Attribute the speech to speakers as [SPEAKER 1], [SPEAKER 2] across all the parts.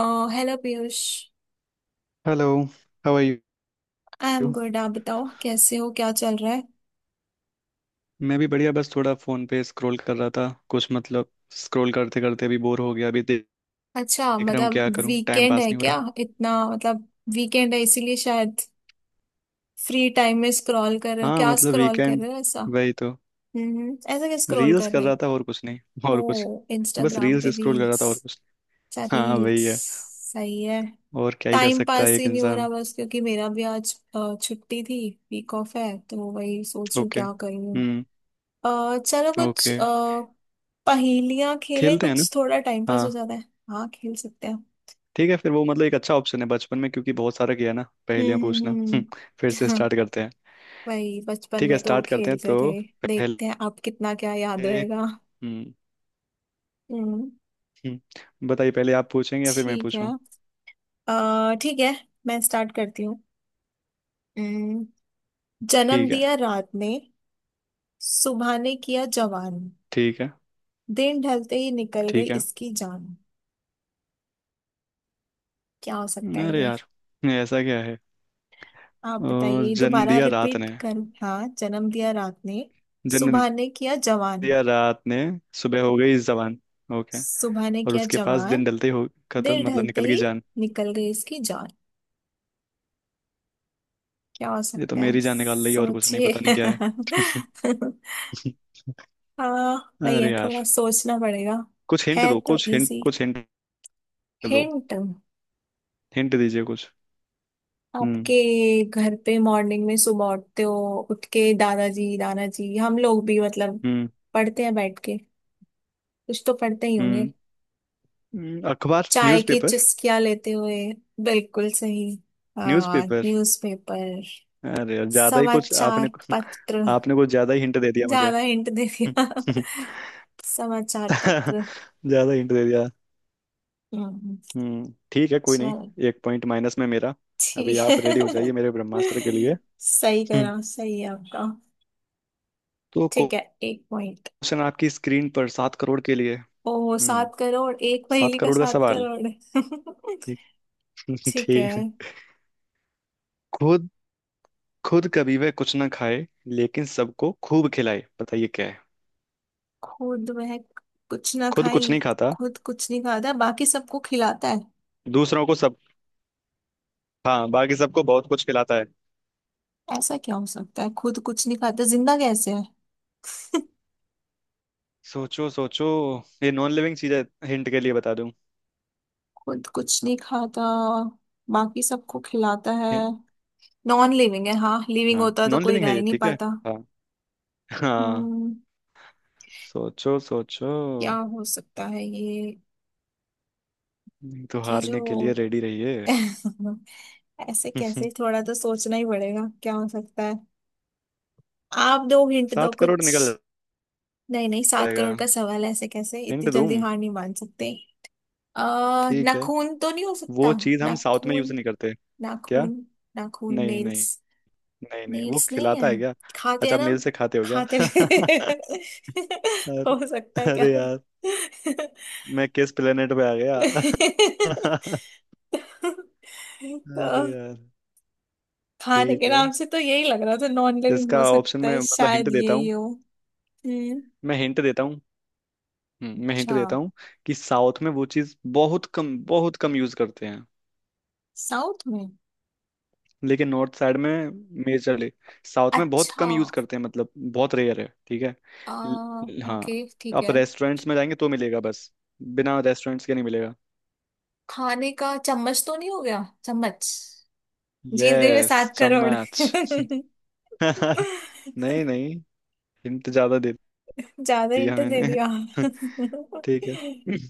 [SPEAKER 1] Uh hello Piyush.
[SPEAKER 2] Hello. How are you.
[SPEAKER 1] I am good. आप बताओ कैसे हो, क्या चल रहा है।
[SPEAKER 2] मैं भी बढ़िया, बस थोड़ा फोन पे स्क्रॉल कर रहा था कुछ मतलब। स्क्रॉल करते करते अभी बोर हो गया, अभी
[SPEAKER 1] अच्छा,
[SPEAKER 2] देख रहा हूँ
[SPEAKER 1] मतलब
[SPEAKER 2] क्या करूँ, टाइम
[SPEAKER 1] वीकेंड
[SPEAKER 2] पास
[SPEAKER 1] है
[SPEAKER 2] नहीं हो
[SPEAKER 1] क्या
[SPEAKER 2] रहा।
[SPEAKER 1] इतना मतलब। वीकेंड है इसीलिए शायद। फ्री टाइम में स्क्रॉल कर रहे हो,
[SPEAKER 2] हाँ
[SPEAKER 1] क्या
[SPEAKER 2] मतलब
[SPEAKER 1] स्क्रॉल कर
[SPEAKER 2] वीकेंड,
[SPEAKER 1] रहे हो ऐसा।
[SPEAKER 2] वही तो।
[SPEAKER 1] हम्म, ऐसा क्या स्क्रॉल
[SPEAKER 2] रील्स
[SPEAKER 1] कर
[SPEAKER 2] कर
[SPEAKER 1] रहे हो।
[SPEAKER 2] रहा था और कुछ नहीं।
[SPEAKER 1] ओ,
[SPEAKER 2] और कुछ बस
[SPEAKER 1] इंस्टाग्राम
[SPEAKER 2] रील्स
[SPEAKER 1] पे
[SPEAKER 2] स्क्रॉल कर रहा
[SPEAKER 1] रील्स।
[SPEAKER 2] था और कुछ
[SPEAKER 1] अच्छा,
[SPEAKER 2] नहीं। हाँ
[SPEAKER 1] रील्स।
[SPEAKER 2] वही है।
[SPEAKER 1] सही है।
[SPEAKER 2] और क्या ही कर
[SPEAKER 1] टाइम
[SPEAKER 2] सकता है
[SPEAKER 1] पास
[SPEAKER 2] एक
[SPEAKER 1] ही नहीं हो रहा
[SPEAKER 2] इंसान।
[SPEAKER 1] बस, क्योंकि मेरा भी आज छुट्टी थी। वीक ऑफ है तो वही सोच रही हूँ
[SPEAKER 2] ओके।
[SPEAKER 1] क्या करूँ।
[SPEAKER 2] हम्म।
[SPEAKER 1] चलो कुछ
[SPEAKER 2] ओके।
[SPEAKER 1] पहेलियां खेले,
[SPEAKER 2] खेलते हैं ना।
[SPEAKER 1] कुछ थोड़ा टाइम
[SPEAKER 2] हाँ।
[SPEAKER 1] पास हो जाता है। हाँ, खेल सकते हैं।
[SPEAKER 2] ठीक है फिर वो मतलब एक अच्छा ऑप्शन है, बचपन में क्योंकि बहुत सारा किया ना पहेलियां
[SPEAKER 1] हम्म।
[SPEAKER 2] पूछना।
[SPEAKER 1] हम्म।
[SPEAKER 2] फिर से
[SPEAKER 1] हम्म।
[SPEAKER 2] स्टार्ट करते हैं।
[SPEAKER 1] भाई बचपन
[SPEAKER 2] ठीक है
[SPEAKER 1] में तो
[SPEAKER 2] स्टार्ट करते हैं
[SPEAKER 1] खेलते
[SPEAKER 2] तो।
[SPEAKER 1] थे। देखते हैं आप कितना क्या याद
[SPEAKER 2] एक।
[SPEAKER 1] रहेगा।
[SPEAKER 2] हम्म।
[SPEAKER 1] हम्म।
[SPEAKER 2] हम्म। बताइए पहले आप पूछेंगे या फिर मैं
[SPEAKER 1] ठीक है।
[SPEAKER 2] पूछूं।
[SPEAKER 1] ठीक है। मैं स्टार्ट करती हूँ। हम्म, जन्म
[SPEAKER 2] ठीक है।
[SPEAKER 1] दिया रात ने। सुबह ने किया जवान।
[SPEAKER 2] ठीक है।
[SPEAKER 1] दिन ढलते ही निकल गई
[SPEAKER 2] ठीक है।
[SPEAKER 1] इसकी जान। क्या हो सकता है।
[SPEAKER 2] अरे यार ऐसा क्या है।
[SPEAKER 1] आप
[SPEAKER 2] अ,
[SPEAKER 1] बताइए
[SPEAKER 2] जन्म
[SPEAKER 1] दोबारा
[SPEAKER 2] दिया रात
[SPEAKER 1] रिपीट
[SPEAKER 2] ने,
[SPEAKER 1] कर। हाँ, जन्म दिया रात ने।
[SPEAKER 2] जन्म
[SPEAKER 1] सुबह ने किया जवान।
[SPEAKER 2] दिया रात ने, सुबह हो गई जवान। ओके।
[SPEAKER 1] सुबह ने
[SPEAKER 2] और
[SPEAKER 1] किया
[SPEAKER 2] उसके पास
[SPEAKER 1] जवान।
[SPEAKER 2] दिन ढलते ही हो
[SPEAKER 1] दिल
[SPEAKER 2] खत्म मतलब
[SPEAKER 1] ढलते
[SPEAKER 2] निकल गई
[SPEAKER 1] ही
[SPEAKER 2] जान।
[SPEAKER 1] निकल गई इसकी जान। क्या हो
[SPEAKER 2] ये तो
[SPEAKER 1] सकता है,
[SPEAKER 2] मेरी जान निकाल रही है और कुछ नहीं, पता
[SPEAKER 1] सोचिए।
[SPEAKER 2] नहीं क्या है।
[SPEAKER 1] हाँ। भैया,
[SPEAKER 2] अरे यार,
[SPEAKER 1] थोड़ा सोचना पड़ेगा।
[SPEAKER 2] कुछ हिंट
[SPEAKER 1] है
[SPEAKER 2] दो
[SPEAKER 1] तो इजी।
[SPEAKER 2] कुछ हिंट दो,
[SPEAKER 1] हिंट।
[SPEAKER 2] हिंट दीजिए कुछ। हम्म।
[SPEAKER 1] आपके घर पे मॉर्निंग में सुबह उठते हो, उठ के दादाजी, नाना जी, हम लोग भी मतलब
[SPEAKER 2] हम्म।
[SPEAKER 1] पढ़ते हैं बैठ के। कुछ तो पढ़ते ही होंगे।
[SPEAKER 2] हम्म। अखबार
[SPEAKER 1] चाय की
[SPEAKER 2] न्यूज़पेपर।
[SPEAKER 1] चुस्कियां लेते हुए। बिल्कुल सही। हाँ,
[SPEAKER 2] न्यूज़पेपर।
[SPEAKER 1] न्यूज़पेपर।
[SPEAKER 2] अरे यार, ज्यादा ही कुछ आपने।
[SPEAKER 1] समाचार पत्र।
[SPEAKER 2] आपने कुछ ज्यादा ही हिंट दे दिया मुझे।
[SPEAKER 1] ज्यादा हिंट दे दिया। समाचार पत्र।
[SPEAKER 2] ज्यादा हिंट दे दिया।
[SPEAKER 1] हम्म।
[SPEAKER 2] ठीक है कोई नहीं।
[SPEAKER 1] चलो
[SPEAKER 2] एक पॉइंट माइनस में मेरा। अभी
[SPEAKER 1] ठीक है।
[SPEAKER 2] आप रेडी हो जाइए मेरे ब्रह्मास्त्र के लिए।
[SPEAKER 1] सही
[SPEAKER 2] हम्म।
[SPEAKER 1] करा, सही है आपका।
[SPEAKER 2] तो
[SPEAKER 1] ठीक है एक पॉइंट।
[SPEAKER 2] क्वेश्चन आपकी स्क्रीन पर 7 करोड़ के लिए।
[SPEAKER 1] ओ,
[SPEAKER 2] हम्म।
[SPEAKER 1] सात करोड़। एक
[SPEAKER 2] सात
[SPEAKER 1] पहेली का
[SPEAKER 2] करोड़ का
[SPEAKER 1] सात
[SPEAKER 2] सवाल।
[SPEAKER 1] करोड़ है।
[SPEAKER 2] ठीक।
[SPEAKER 1] ठीक है।
[SPEAKER 2] ठीक। खुद खुद कभी वह कुछ ना खाए लेकिन सबको खूब खिलाए, बताइए क्या है।
[SPEAKER 1] खुद वह कुछ ना
[SPEAKER 2] खुद कुछ
[SPEAKER 1] खाए।
[SPEAKER 2] नहीं खाता,
[SPEAKER 1] खुद कुछ नहीं खाता, बाकी सबको खिलाता है।
[SPEAKER 2] दूसरों को सब। हाँ बाकी सबको बहुत कुछ खिलाता है।
[SPEAKER 1] ऐसा क्या हो सकता है? खुद कुछ नहीं खाता, जिंदा कैसे है।
[SPEAKER 2] सोचो सोचो, ये नॉन लिविंग चीज है, हिंट के लिए बता दूं।
[SPEAKER 1] खुद कुछ नहीं खाता, बाकी सबको खिलाता है।
[SPEAKER 2] हि-।
[SPEAKER 1] नॉन लिविंग है, हाँ। लिविंग
[SPEAKER 2] हाँ
[SPEAKER 1] होता तो
[SPEAKER 2] नॉन
[SPEAKER 1] कोई
[SPEAKER 2] लिविंग
[SPEAKER 1] रह
[SPEAKER 2] है
[SPEAKER 1] ही
[SPEAKER 2] ये
[SPEAKER 1] नहीं
[SPEAKER 2] ठीक है।
[SPEAKER 1] पाता।
[SPEAKER 2] हाँ। हाँ।
[SPEAKER 1] हम्म।
[SPEAKER 2] सोचो सोचो,
[SPEAKER 1] क्या हो सकता है ये,
[SPEAKER 2] नहीं तो
[SPEAKER 1] कि जो।
[SPEAKER 2] हारने के लिए रेडी रहिए।
[SPEAKER 1] ऐसे कैसे, थोड़ा तो सोचना ही पड़ेगा। क्या हो सकता है। आप दो हिंट दो
[SPEAKER 2] 7 करोड़ निकल
[SPEAKER 1] कुछ। नहीं नहीं, सात
[SPEAKER 2] जाएगा।
[SPEAKER 1] करोड़ का सवाल है, ऐसे कैसे इतनी
[SPEAKER 2] हिंट
[SPEAKER 1] जल्दी
[SPEAKER 2] दूं?
[SPEAKER 1] हार नहीं मान सकते। अ
[SPEAKER 2] ठीक है।
[SPEAKER 1] नाखून तो नहीं हो
[SPEAKER 2] वो
[SPEAKER 1] सकता।
[SPEAKER 2] चीज हम साउथ में यूज
[SPEAKER 1] नाखून,
[SPEAKER 2] नहीं करते। क्या?
[SPEAKER 1] नाखून, नाखून।
[SPEAKER 2] नहीं
[SPEAKER 1] नेल्स।
[SPEAKER 2] नहीं। नहीं नहीं वो
[SPEAKER 1] नेल्स नहीं
[SPEAKER 2] खिलाता
[SPEAKER 1] है।
[SPEAKER 2] है क्या।
[SPEAKER 1] खाते
[SPEAKER 2] अच्छा
[SPEAKER 1] हैं
[SPEAKER 2] आप
[SPEAKER 1] ना
[SPEAKER 2] नील
[SPEAKER 1] हम।
[SPEAKER 2] से खाते हो क्या।
[SPEAKER 1] खाते हुए।
[SPEAKER 2] अरे।
[SPEAKER 1] हो सकता है
[SPEAKER 2] अरे
[SPEAKER 1] क्या?
[SPEAKER 2] यार मैं किस प्लेनेट पे आ गया।
[SPEAKER 1] तो
[SPEAKER 2] अरे यार।
[SPEAKER 1] खाने
[SPEAKER 2] ठीक
[SPEAKER 1] के
[SPEAKER 2] है
[SPEAKER 1] नाम से तो यही लग रहा था, नॉन लिविंग
[SPEAKER 2] इसका
[SPEAKER 1] हो
[SPEAKER 2] ऑप्शन
[SPEAKER 1] सकता
[SPEAKER 2] में
[SPEAKER 1] है,
[SPEAKER 2] मतलब हिंट
[SPEAKER 1] शायद
[SPEAKER 2] देता
[SPEAKER 1] यही
[SPEAKER 2] हूँ।
[SPEAKER 1] हो। हम्म।
[SPEAKER 2] मैं हिंट देता हूँ। मैं हिंट
[SPEAKER 1] अच्छा।
[SPEAKER 2] देता हूँ कि साउथ में वो चीज़ बहुत कम यूज करते हैं
[SPEAKER 1] साउथ में।
[SPEAKER 2] लेकिन नॉर्थ साइड में मेजरली। साउथ में बहुत
[SPEAKER 1] अच्छा।
[SPEAKER 2] कम यूज करते हैं मतलब बहुत रेयर है ठीक है।
[SPEAKER 1] आ,
[SPEAKER 2] ल- हाँ
[SPEAKER 1] ओके, ठीक
[SPEAKER 2] आप
[SPEAKER 1] है।
[SPEAKER 2] रेस्टोरेंट्स में जाएंगे तो मिलेगा बस, बिना रेस्टोरेंट्स के नहीं मिलेगा।
[SPEAKER 1] खाने का चम्मच तो नहीं, हो गया चम्मच। जीत गई मैं
[SPEAKER 2] यस
[SPEAKER 1] सात करोड़।
[SPEAKER 2] चम्मच। नहीं नहीं, हिंट ज्यादा दे
[SPEAKER 1] ज्यादा
[SPEAKER 2] दिया
[SPEAKER 1] हिंट दे
[SPEAKER 2] मैंने।
[SPEAKER 1] दिया।
[SPEAKER 2] ठीक है।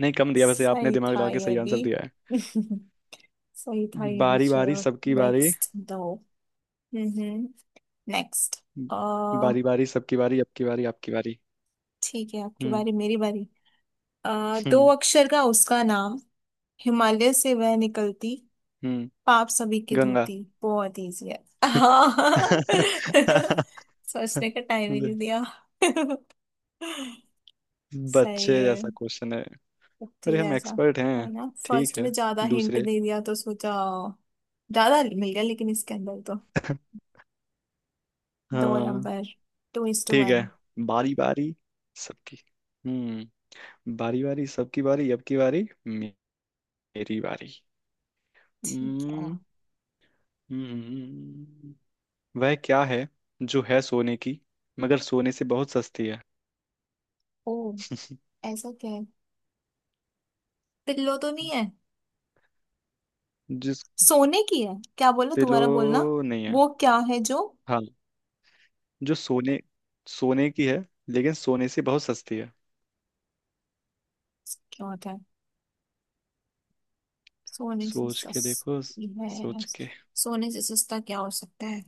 [SPEAKER 2] नहीं कम दिया, वैसे आपने
[SPEAKER 1] सही
[SPEAKER 2] दिमाग
[SPEAKER 1] था
[SPEAKER 2] लगा के
[SPEAKER 1] ये
[SPEAKER 2] सही
[SPEAKER 1] भी।
[SPEAKER 2] आंसर दिया।
[SPEAKER 1] सही था ये भी,
[SPEAKER 2] बारी बारी
[SPEAKER 1] चलो।
[SPEAKER 2] सबकी बारी।
[SPEAKER 1] नेक्स्ट दो। हम्म। नेक्स्ट। अ
[SPEAKER 2] बारी बारी सबकी बारी अबकी बारी आपकी बारी।
[SPEAKER 1] ठीक है। आपकी
[SPEAKER 2] हम्म।
[SPEAKER 1] बारी, मेरी बारी। दो
[SPEAKER 2] हम्म।
[SPEAKER 1] अक्षर का उसका नाम। हिमालय से वह निकलती।
[SPEAKER 2] हम्म।
[SPEAKER 1] पाप सभी के
[SPEAKER 2] गंगा।
[SPEAKER 1] धोती। बहुत इजी है। हाँ। सोचने का टाइम ही नहीं दिया। सही
[SPEAKER 2] बच्चे
[SPEAKER 1] है।
[SPEAKER 2] जैसा क्वेश्चन है,
[SPEAKER 1] कुत्ते
[SPEAKER 2] अरे हम
[SPEAKER 1] जैसा।
[SPEAKER 2] एक्सपर्ट हैं।
[SPEAKER 1] है ना,
[SPEAKER 2] ठीक
[SPEAKER 1] फर्स्ट में
[SPEAKER 2] है
[SPEAKER 1] ज्यादा हिंट
[SPEAKER 2] दूसरे।
[SPEAKER 1] दे दिया तो सोचा ज्यादा मिल गया, लेकिन इसके अंदर तो। दो
[SPEAKER 2] हाँ।
[SPEAKER 1] नंबर। टू इज टू
[SPEAKER 2] ठीक है।
[SPEAKER 1] वन।
[SPEAKER 2] बारी बारी सबकी। हम्म। बारी बारी सबकी बारी अब की बारी मेरी बारी।
[SPEAKER 1] ठीक है।
[SPEAKER 2] हम्म। हम्म। वह क्या है जो है सोने की मगर सोने से बहुत सस्ती है।
[SPEAKER 1] ओ, ऐसा क्या है? पिल्लो तो नहीं है।
[SPEAKER 2] जिस,
[SPEAKER 1] सोने की है? क्या बोला,
[SPEAKER 2] पिलो
[SPEAKER 1] दोबारा बोलना।
[SPEAKER 2] नहीं है।
[SPEAKER 1] वो क्या है जो।
[SPEAKER 2] हाँ, जो सोने, सोने की है लेकिन सोने से बहुत सस्ती है।
[SPEAKER 1] क्या होता है? सोने से
[SPEAKER 2] सोच के देखो
[SPEAKER 1] सस्ती है।
[SPEAKER 2] सोच के।
[SPEAKER 1] सोने से सस्ता क्या हो सकता है?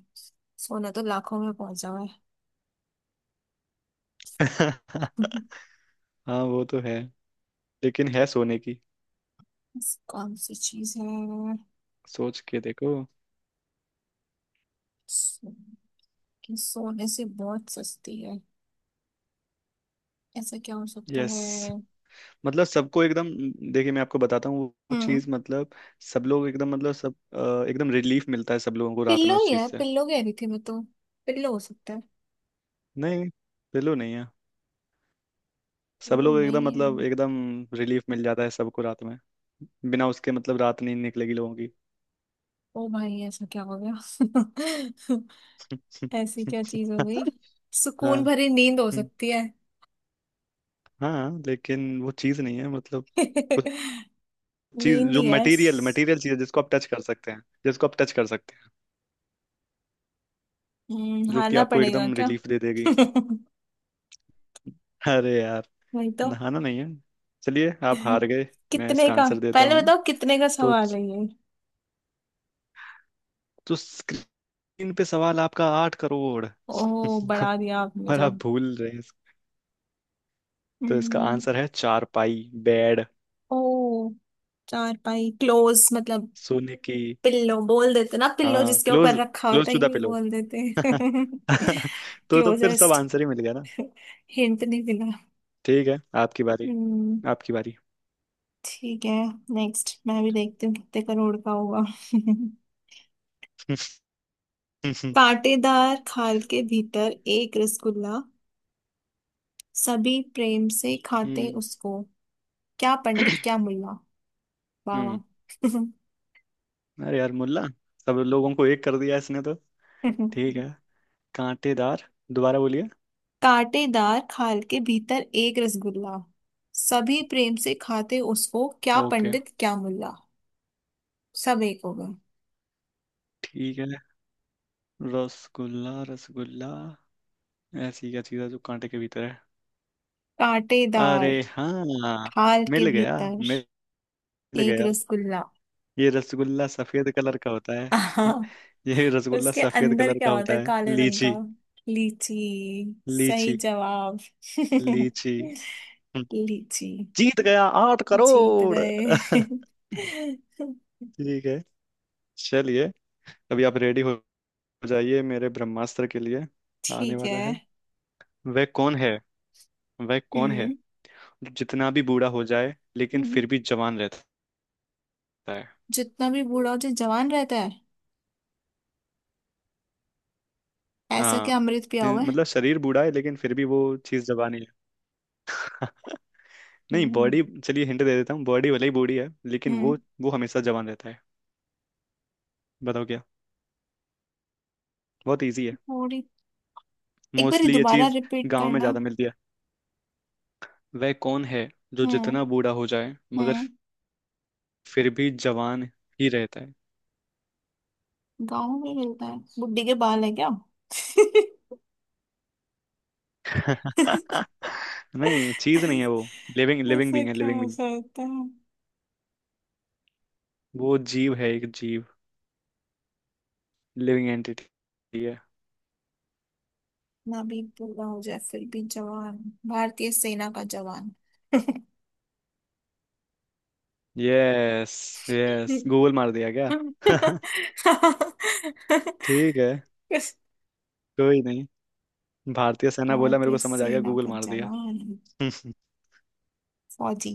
[SPEAKER 1] सोना तो लाखों में पहुंचा हुआ है।
[SPEAKER 2] हाँ वो तो है लेकिन है सोने की।
[SPEAKER 1] कौन सी चीज है?
[SPEAKER 2] सोच के देखो।
[SPEAKER 1] सो- कि सोने से बहुत सस्ती है। ऐसा क्या हो सकता
[SPEAKER 2] यस
[SPEAKER 1] है?
[SPEAKER 2] मतलब सबको एकदम, देखिए मैं आपको बताता हूँ वो
[SPEAKER 1] हम्म
[SPEAKER 2] चीज़ मतलब सब लोग एकदम मतलब सब एकदम रिलीफ मिलता है सब लोगों को रात में
[SPEAKER 1] पिल्लो
[SPEAKER 2] उस
[SPEAKER 1] ही
[SPEAKER 2] चीज़
[SPEAKER 1] है,
[SPEAKER 2] से।
[SPEAKER 1] पिल्लो कह रही थी मैं तो। पिल्लो हो सकता है।
[SPEAKER 2] नहीं पिलो नहीं है। सब
[SPEAKER 1] पिल्लो
[SPEAKER 2] लोग
[SPEAKER 1] नहीं
[SPEAKER 2] एकदम
[SPEAKER 1] है।
[SPEAKER 2] मतलब एकदम रिलीफ मिल जाता है सबको रात में, बिना उसके मतलब रात नहीं निकलेगी लोगों।
[SPEAKER 1] ओ भाई, ऐसा क्या हो गया? ऐसी क्या चीज हो गई?
[SPEAKER 2] हाँ।
[SPEAKER 1] सुकून भरी नींद हो
[SPEAKER 2] हम्म,
[SPEAKER 1] सकती है।
[SPEAKER 2] हाँ लेकिन वो चीज नहीं है मतलब कुछ चीज
[SPEAKER 1] नींद
[SPEAKER 2] जो
[SPEAKER 1] ही है।
[SPEAKER 2] मटेरियल मटेरियल चीज है जिसको आप टच कर सकते हैं, जिसको आप टच कर सकते हैं, जो कि
[SPEAKER 1] हारना
[SPEAKER 2] आपको
[SPEAKER 1] पड़ेगा
[SPEAKER 2] एकदम
[SPEAKER 1] क्या?
[SPEAKER 2] रिलीफ दे देगी। अरे यार,
[SPEAKER 1] वही तो।
[SPEAKER 2] नहाना नहीं है। चलिए आप हार गए, मैं
[SPEAKER 1] कितने
[SPEAKER 2] इसका
[SPEAKER 1] का
[SPEAKER 2] आंसर देता
[SPEAKER 1] पहले
[SPEAKER 2] हूँ।
[SPEAKER 1] बताओ, कितने का
[SPEAKER 2] तो
[SPEAKER 1] सवाल है ये?
[SPEAKER 2] तो स्क्रीन पे सवाल आपका 8 करोड़।
[SPEAKER 1] ओ, बढ़ा दिया आपने
[SPEAKER 2] और
[SPEAKER 1] तो।
[SPEAKER 2] आप भूल रहे हैं। तो इसका
[SPEAKER 1] हम्म,
[SPEAKER 2] आंसर है चारपाई बेड,
[SPEAKER 1] ओ, चार पाई क्लोज मतलब।
[SPEAKER 2] सोने की।
[SPEAKER 1] पिल्लो बोल देते ना, पिल्लो
[SPEAKER 2] हाँ
[SPEAKER 1] जिसके
[SPEAKER 2] क्लोज,
[SPEAKER 1] ऊपर रखा होता
[SPEAKER 2] क्लोज
[SPEAKER 1] है
[SPEAKER 2] टू द
[SPEAKER 1] यही
[SPEAKER 2] पिलो।
[SPEAKER 1] बोल देते हैं।
[SPEAKER 2] तो फिर सब
[SPEAKER 1] क्लोजेस्ट।
[SPEAKER 2] आंसर ही मिल गया ना।
[SPEAKER 1] हिंट नहीं मिला।
[SPEAKER 2] ठीक है आपकी बारी।
[SPEAKER 1] हम्म।
[SPEAKER 2] आपकी बारी।
[SPEAKER 1] ठीक है। नेक्स्ट, मैं भी देखती हूँ कितने करोड़ का होगा। कांटेदार खाल के भीतर एक रसगुल्ला। सभी प्रेम से खाते
[SPEAKER 2] हम्म।
[SPEAKER 1] उसको, क्या पंडित क्या मुल्ला। वाह
[SPEAKER 2] हम्म।
[SPEAKER 1] वाह।
[SPEAKER 2] अरे यार मुल्ला, सब लोगों को एक कर दिया इसने तो। ठीक है। कांटेदार, दोबारा बोलिए।
[SPEAKER 1] कांटेदार खाल के भीतर एक रसगुल्ला। सभी प्रेम से खाते उसको, क्या
[SPEAKER 2] ओके।
[SPEAKER 1] पंडित क्या मुल्ला। सब एक होगा।
[SPEAKER 2] ठीक है। रसगुल्ला रसगुल्ला, ऐसी क्या चीज़ है जो कांटे के भीतर है। अरे
[SPEAKER 1] कांटेदार
[SPEAKER 2] हाँ
[SPEAKER 1] खाल के
[SPEAKER 2] मिल गया
[SPEAKER 1] भीतर
[SPEAKER 2] मिल
[SPEAKER 1] एक
[SPEAKER 2] गया।
[SPEAKER 1] रसगुल्ला।
[SPEAKER 2] ये रसगुल्ला सफेद कलर का होता
[SPEAKER 1] आहा।
[SPEAKER 2] है। ये रसगुल्ला
[SPEAKER 1] उसके
[SPEAKER 2] सफेद
[SPEAKER 1] अंदर
[SPEAKER 2] कलर
[SPEAKER 1] क्या
[SPEAKER 2] का
[SPEAKER 1] होता है,
[SPEAKER 2] होता है,
[SPEAKER 1] काले रंग का।
[SPEAKER 2] लीची।
[SPEAKER 1] लीची। सही
[SPEAKER 2] लीची।
[SPEAKER 1] जवाब।
[SPEAKER 2] लीची।
[SPEAKER 1] लीची।
[SPEAKER 2] जीत गया आठ
[SPEAKER 1] जीत
[SPEAKER 2] करोड़
[SPEAKER 1] गए।
[SPEAKER 2] ठीक है। चलिए। अभी आप रेडी हो जाइए मेरे ब्रह्मास्त्र के लिए। आने
[SPEAKER 1] ठीक
[SPEAKER 2] वाला
[SPEAKER 1] है।
[SPEAKER 2] है। वह कौन है? वह कौन है
[SPEAKER 1] हम्म।
[SPEAKER 2] जो जितना भी बूढ़ा हो जाए लेकिन
[SPEAKER 1] हम्म।
[SPEAKER 2] फिर भी जवान रहता है।
[SPEAKER 1] जितना भी बूढ़ा हो, जो जवान रहता है। ऐसा क्या,
[SPEAKER 2] हाँ
[SPEAKER 1] अमृत पिया हुआ है?
[SPEAKER 2] मतलब शरीर बूढ़ा है लेकिन फिर भी वो चीज जवान ही है। नहीं
[SPEAKER 1] हम्म।
[SPEAKER 2] बॉडी, चलिए हिंट दे देता हूँ, बॉडी भले ही बूढ़ी है लेकिन
[SPEAKER 1] हम्म,
[SPEAKER 2] वो हमेशा जवान रहता है। बताओ क्या। बहुत इजी है।
[SPEAKER 1] थोड़ी। एक बार
[SPEAKER 2] मोस्टली ये
[SPEAKER 1] दोबारा
[SPEAKER 2] चीज
[SPEAKER 1] रिपीट
[SPEAKER 2] गांव में
[SPEAKER 1] करना।
[SPEAKER 2] ज्यादा मिलती है। वह कौन है जो
[SPEAKER 1] हम्म।
[SPEAKER 2] जितना बूढ़ा हो जाए मगर
[SPEAKER 1] हम्म।
[SPEAKER 2] फिर भी जवान ही रहता है।
[SPEAKER 1] गाँव में मिलता है, बुड्ढी के बाल है क्या?
[SPEAKER 2] नहीं चीज नहीं है वो। लिविंग, लिविंग
[SPEAKER 1] ऐसा
[SPEAKER 2] बीइंग है,
[SPEAKER 1] क्या
[SPEAKER 2] लिविंग
[SPEAKER 1] हो
[SPEAKER 2] बीइंग।
[SPEAKER 1] सकता है?
[SPEAKER 2] वो जीव है एक जीव, लिविंग एंटिटी है।
[SPEAKER 1] ना भी बूढ़ा हो जाए फिर भी जवान। भारतीय सेना का जवान।
[SPEAKER 2] यस। यस गूगल मार दिया क्या। ठीक है कोई नहीं, भारतीय सेना बोला मेरे
[SPEAKER 1] भारतीय
[SPEAKER 2] को समझ आ गया
[SPEAKER 1] सेना
[SPEAKER 2] गूगल
[SPEAKER 1] का
[SPEAKER 2] मार दिया।
[SPEAKER 1] जवान। फौजी।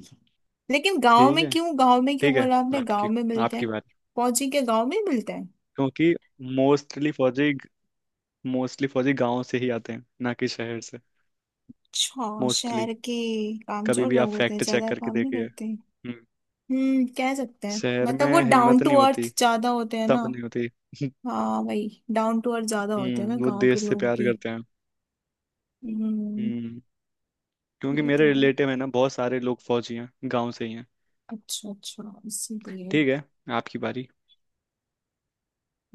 [SPEAKER 1] लेकिन गांव
[SPEAKER 2] ठीक
[SPEAKER 1] में
[SPEAKER 2] है
[SPEAKER 1] क्यों, गांव में क्यों
[SPEAKER 2] ठीक है,
[SPEAKER 1] बोला आपने, गांव
[SPEAKER 2] आपकी
[SPEAKER 1] में मिलते
[SPEAKER 2] आपकी
[SPEAKER 1] हैं?
[SPEAKER 2] बात।
[SPEAKER 1] फौजी के गांव में ही मिलते हैं?
[SPEAKER 2] क्योंकि मोस्टली फौजी, मोस्टली फौजी गांव से ही आते हैं ना कि शहर से।
[SPEAKER 1] अच्छा,
[SPEAKER 2] मोस्टली,
[SPEAKER 1] शहर के
[SPEAKER 2] कभी
[SPEAKER 1] कामचोर
[SPEAKER 2] भी आप
[SPEAKER 1] लोग होते हैं,
[SPEAKER 2] फैक्ट चेक
[SPEAKER 1] ज्यादा
[SPEAKER 2] करके
[SPEAKER 1] काम नहीं
[SPEAKER 2] देखिए।
[SPEAKER 1] करते।
[SPEAKER 2] हम्म।
[SPEAKER 1] हम्म, कह सकते हैं
[SPEAKER 2] शहर
[SPEAKER 1] मतलब वो
[SPEAKER 2] में
[SPEAKER 1] डाउन
[SPEAKER 2] हिम्मत
[SPEAKER 1] टू
[SPEAKER 2] नहीं होती,
[SPEAKER 1] अर्थ ज्यादा होते हैं ना।
[SPEAKER 2] समझ नहीं होती।
[SPEAKER 1] हाँ, वही डाउन टू अर्थ ज्यादा होते हैं ना,
[SPEAKER 2] वो
[SPEAKER 1] गांव के
[SPEAKER 2] देश से
[SPEAKER 1] लोग
[SPEAKER 2] प्यार
[SPEAKER 1] भी।
[SPEAKER 2] करते हैं।
[SPEAKER 1] हम्म,
[SPEAKER 2] हम्म। क्योंकि
[SPEAKER 1] ये तो
[SPEAKER 2] मेरे
[SPEAKER 1] है।
[SPEAKER 2] रिलेटिव है ना, बहुत सारे लोग फौजी हैं गांव से ही हैं।
[SPEAKER 1] अच्छा अच्छा, इसीलिए।
[SPEAKER 2] ठीक है आपकी बारी।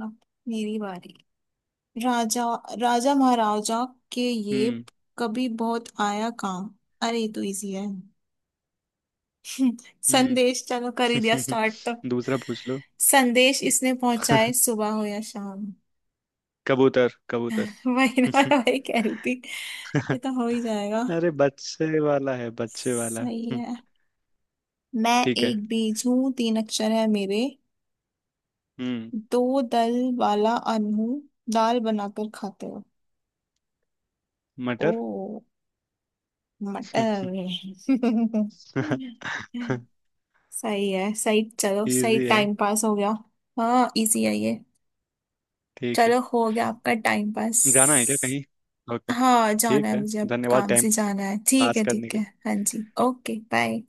[SPEAKER 1] अब मेरी बारी। राजा, राजा महाराजा के ये
[SPEAKER 2] हम्म।
[SPEAKER 1] कभी बहुत आया काम। अरे, ये तो इजी है।
[SPEAKER 2] हम्म।
[SPEAKER 1] संदेश, चलो कर ही दिया स्टार्ट तो।
[SPEAKER 2] दूसरा पूछ लो।
[SPEAKER 1] संदेश इसने पहुंचाए सुबह हो या शाम।
[SPEAKER 2] कबूतर कबूतर।
[SPEAKER 1] वही ना, वही कह रही थी। ये तो हो ही जाएगा।
[SPEAKER 2] अरे बच्चे वाला है बच्चे वाला।
[SPEAKER 1] सही है। मैं
[SPEAKER 2] ठीक है।
[SPEAKER 1] एक बीज हूँ, तीन अक्षर है मेरे।
[SPEAKER 2] हम्म।
[SPEAKER 1] दो दल वाला अन्न हूँ। दाल बनाकर खाते हो।
[SPEAKER 2] मटर।
[SPEAKER 1] ओ, मटर। सही है सही, चलो सही,
[SPEAKER 2] इजी है।
[SPEAKER 1] टाइम पास हो गया। हाँ, इजी है ये।
[SPEAKER 2] ठीक है।
[SPEAKER 1] चलो, हो गया आपका टाइम पास।
[SPEAKER 2] गाना है क्या कहीं। ओके
[SPEAKER 1] हाँ, जाना
[SPEAKER 2] ठीक
[SPEAKER 1] है
[SPEAKER 2] है।
[SPEAKER 1] मुझे, अब
[SPEAKER 2] धन्यवाद
[SPEAKER 1] काम
[SPEAKER 2] टाइम
[SPEAKER 1] से जाना है। ठीक
[SPEAKER 2] पास
[SPEAKER 1] है,
[SPEAKER 2] करने
[SPEAKER 1] ठीक
[SPEAKER 2] के
[SPEAKER 1] है।
[SPEAKER 2] लिए।
[SPEAKER 1] हाँ जी, ओके, बाय।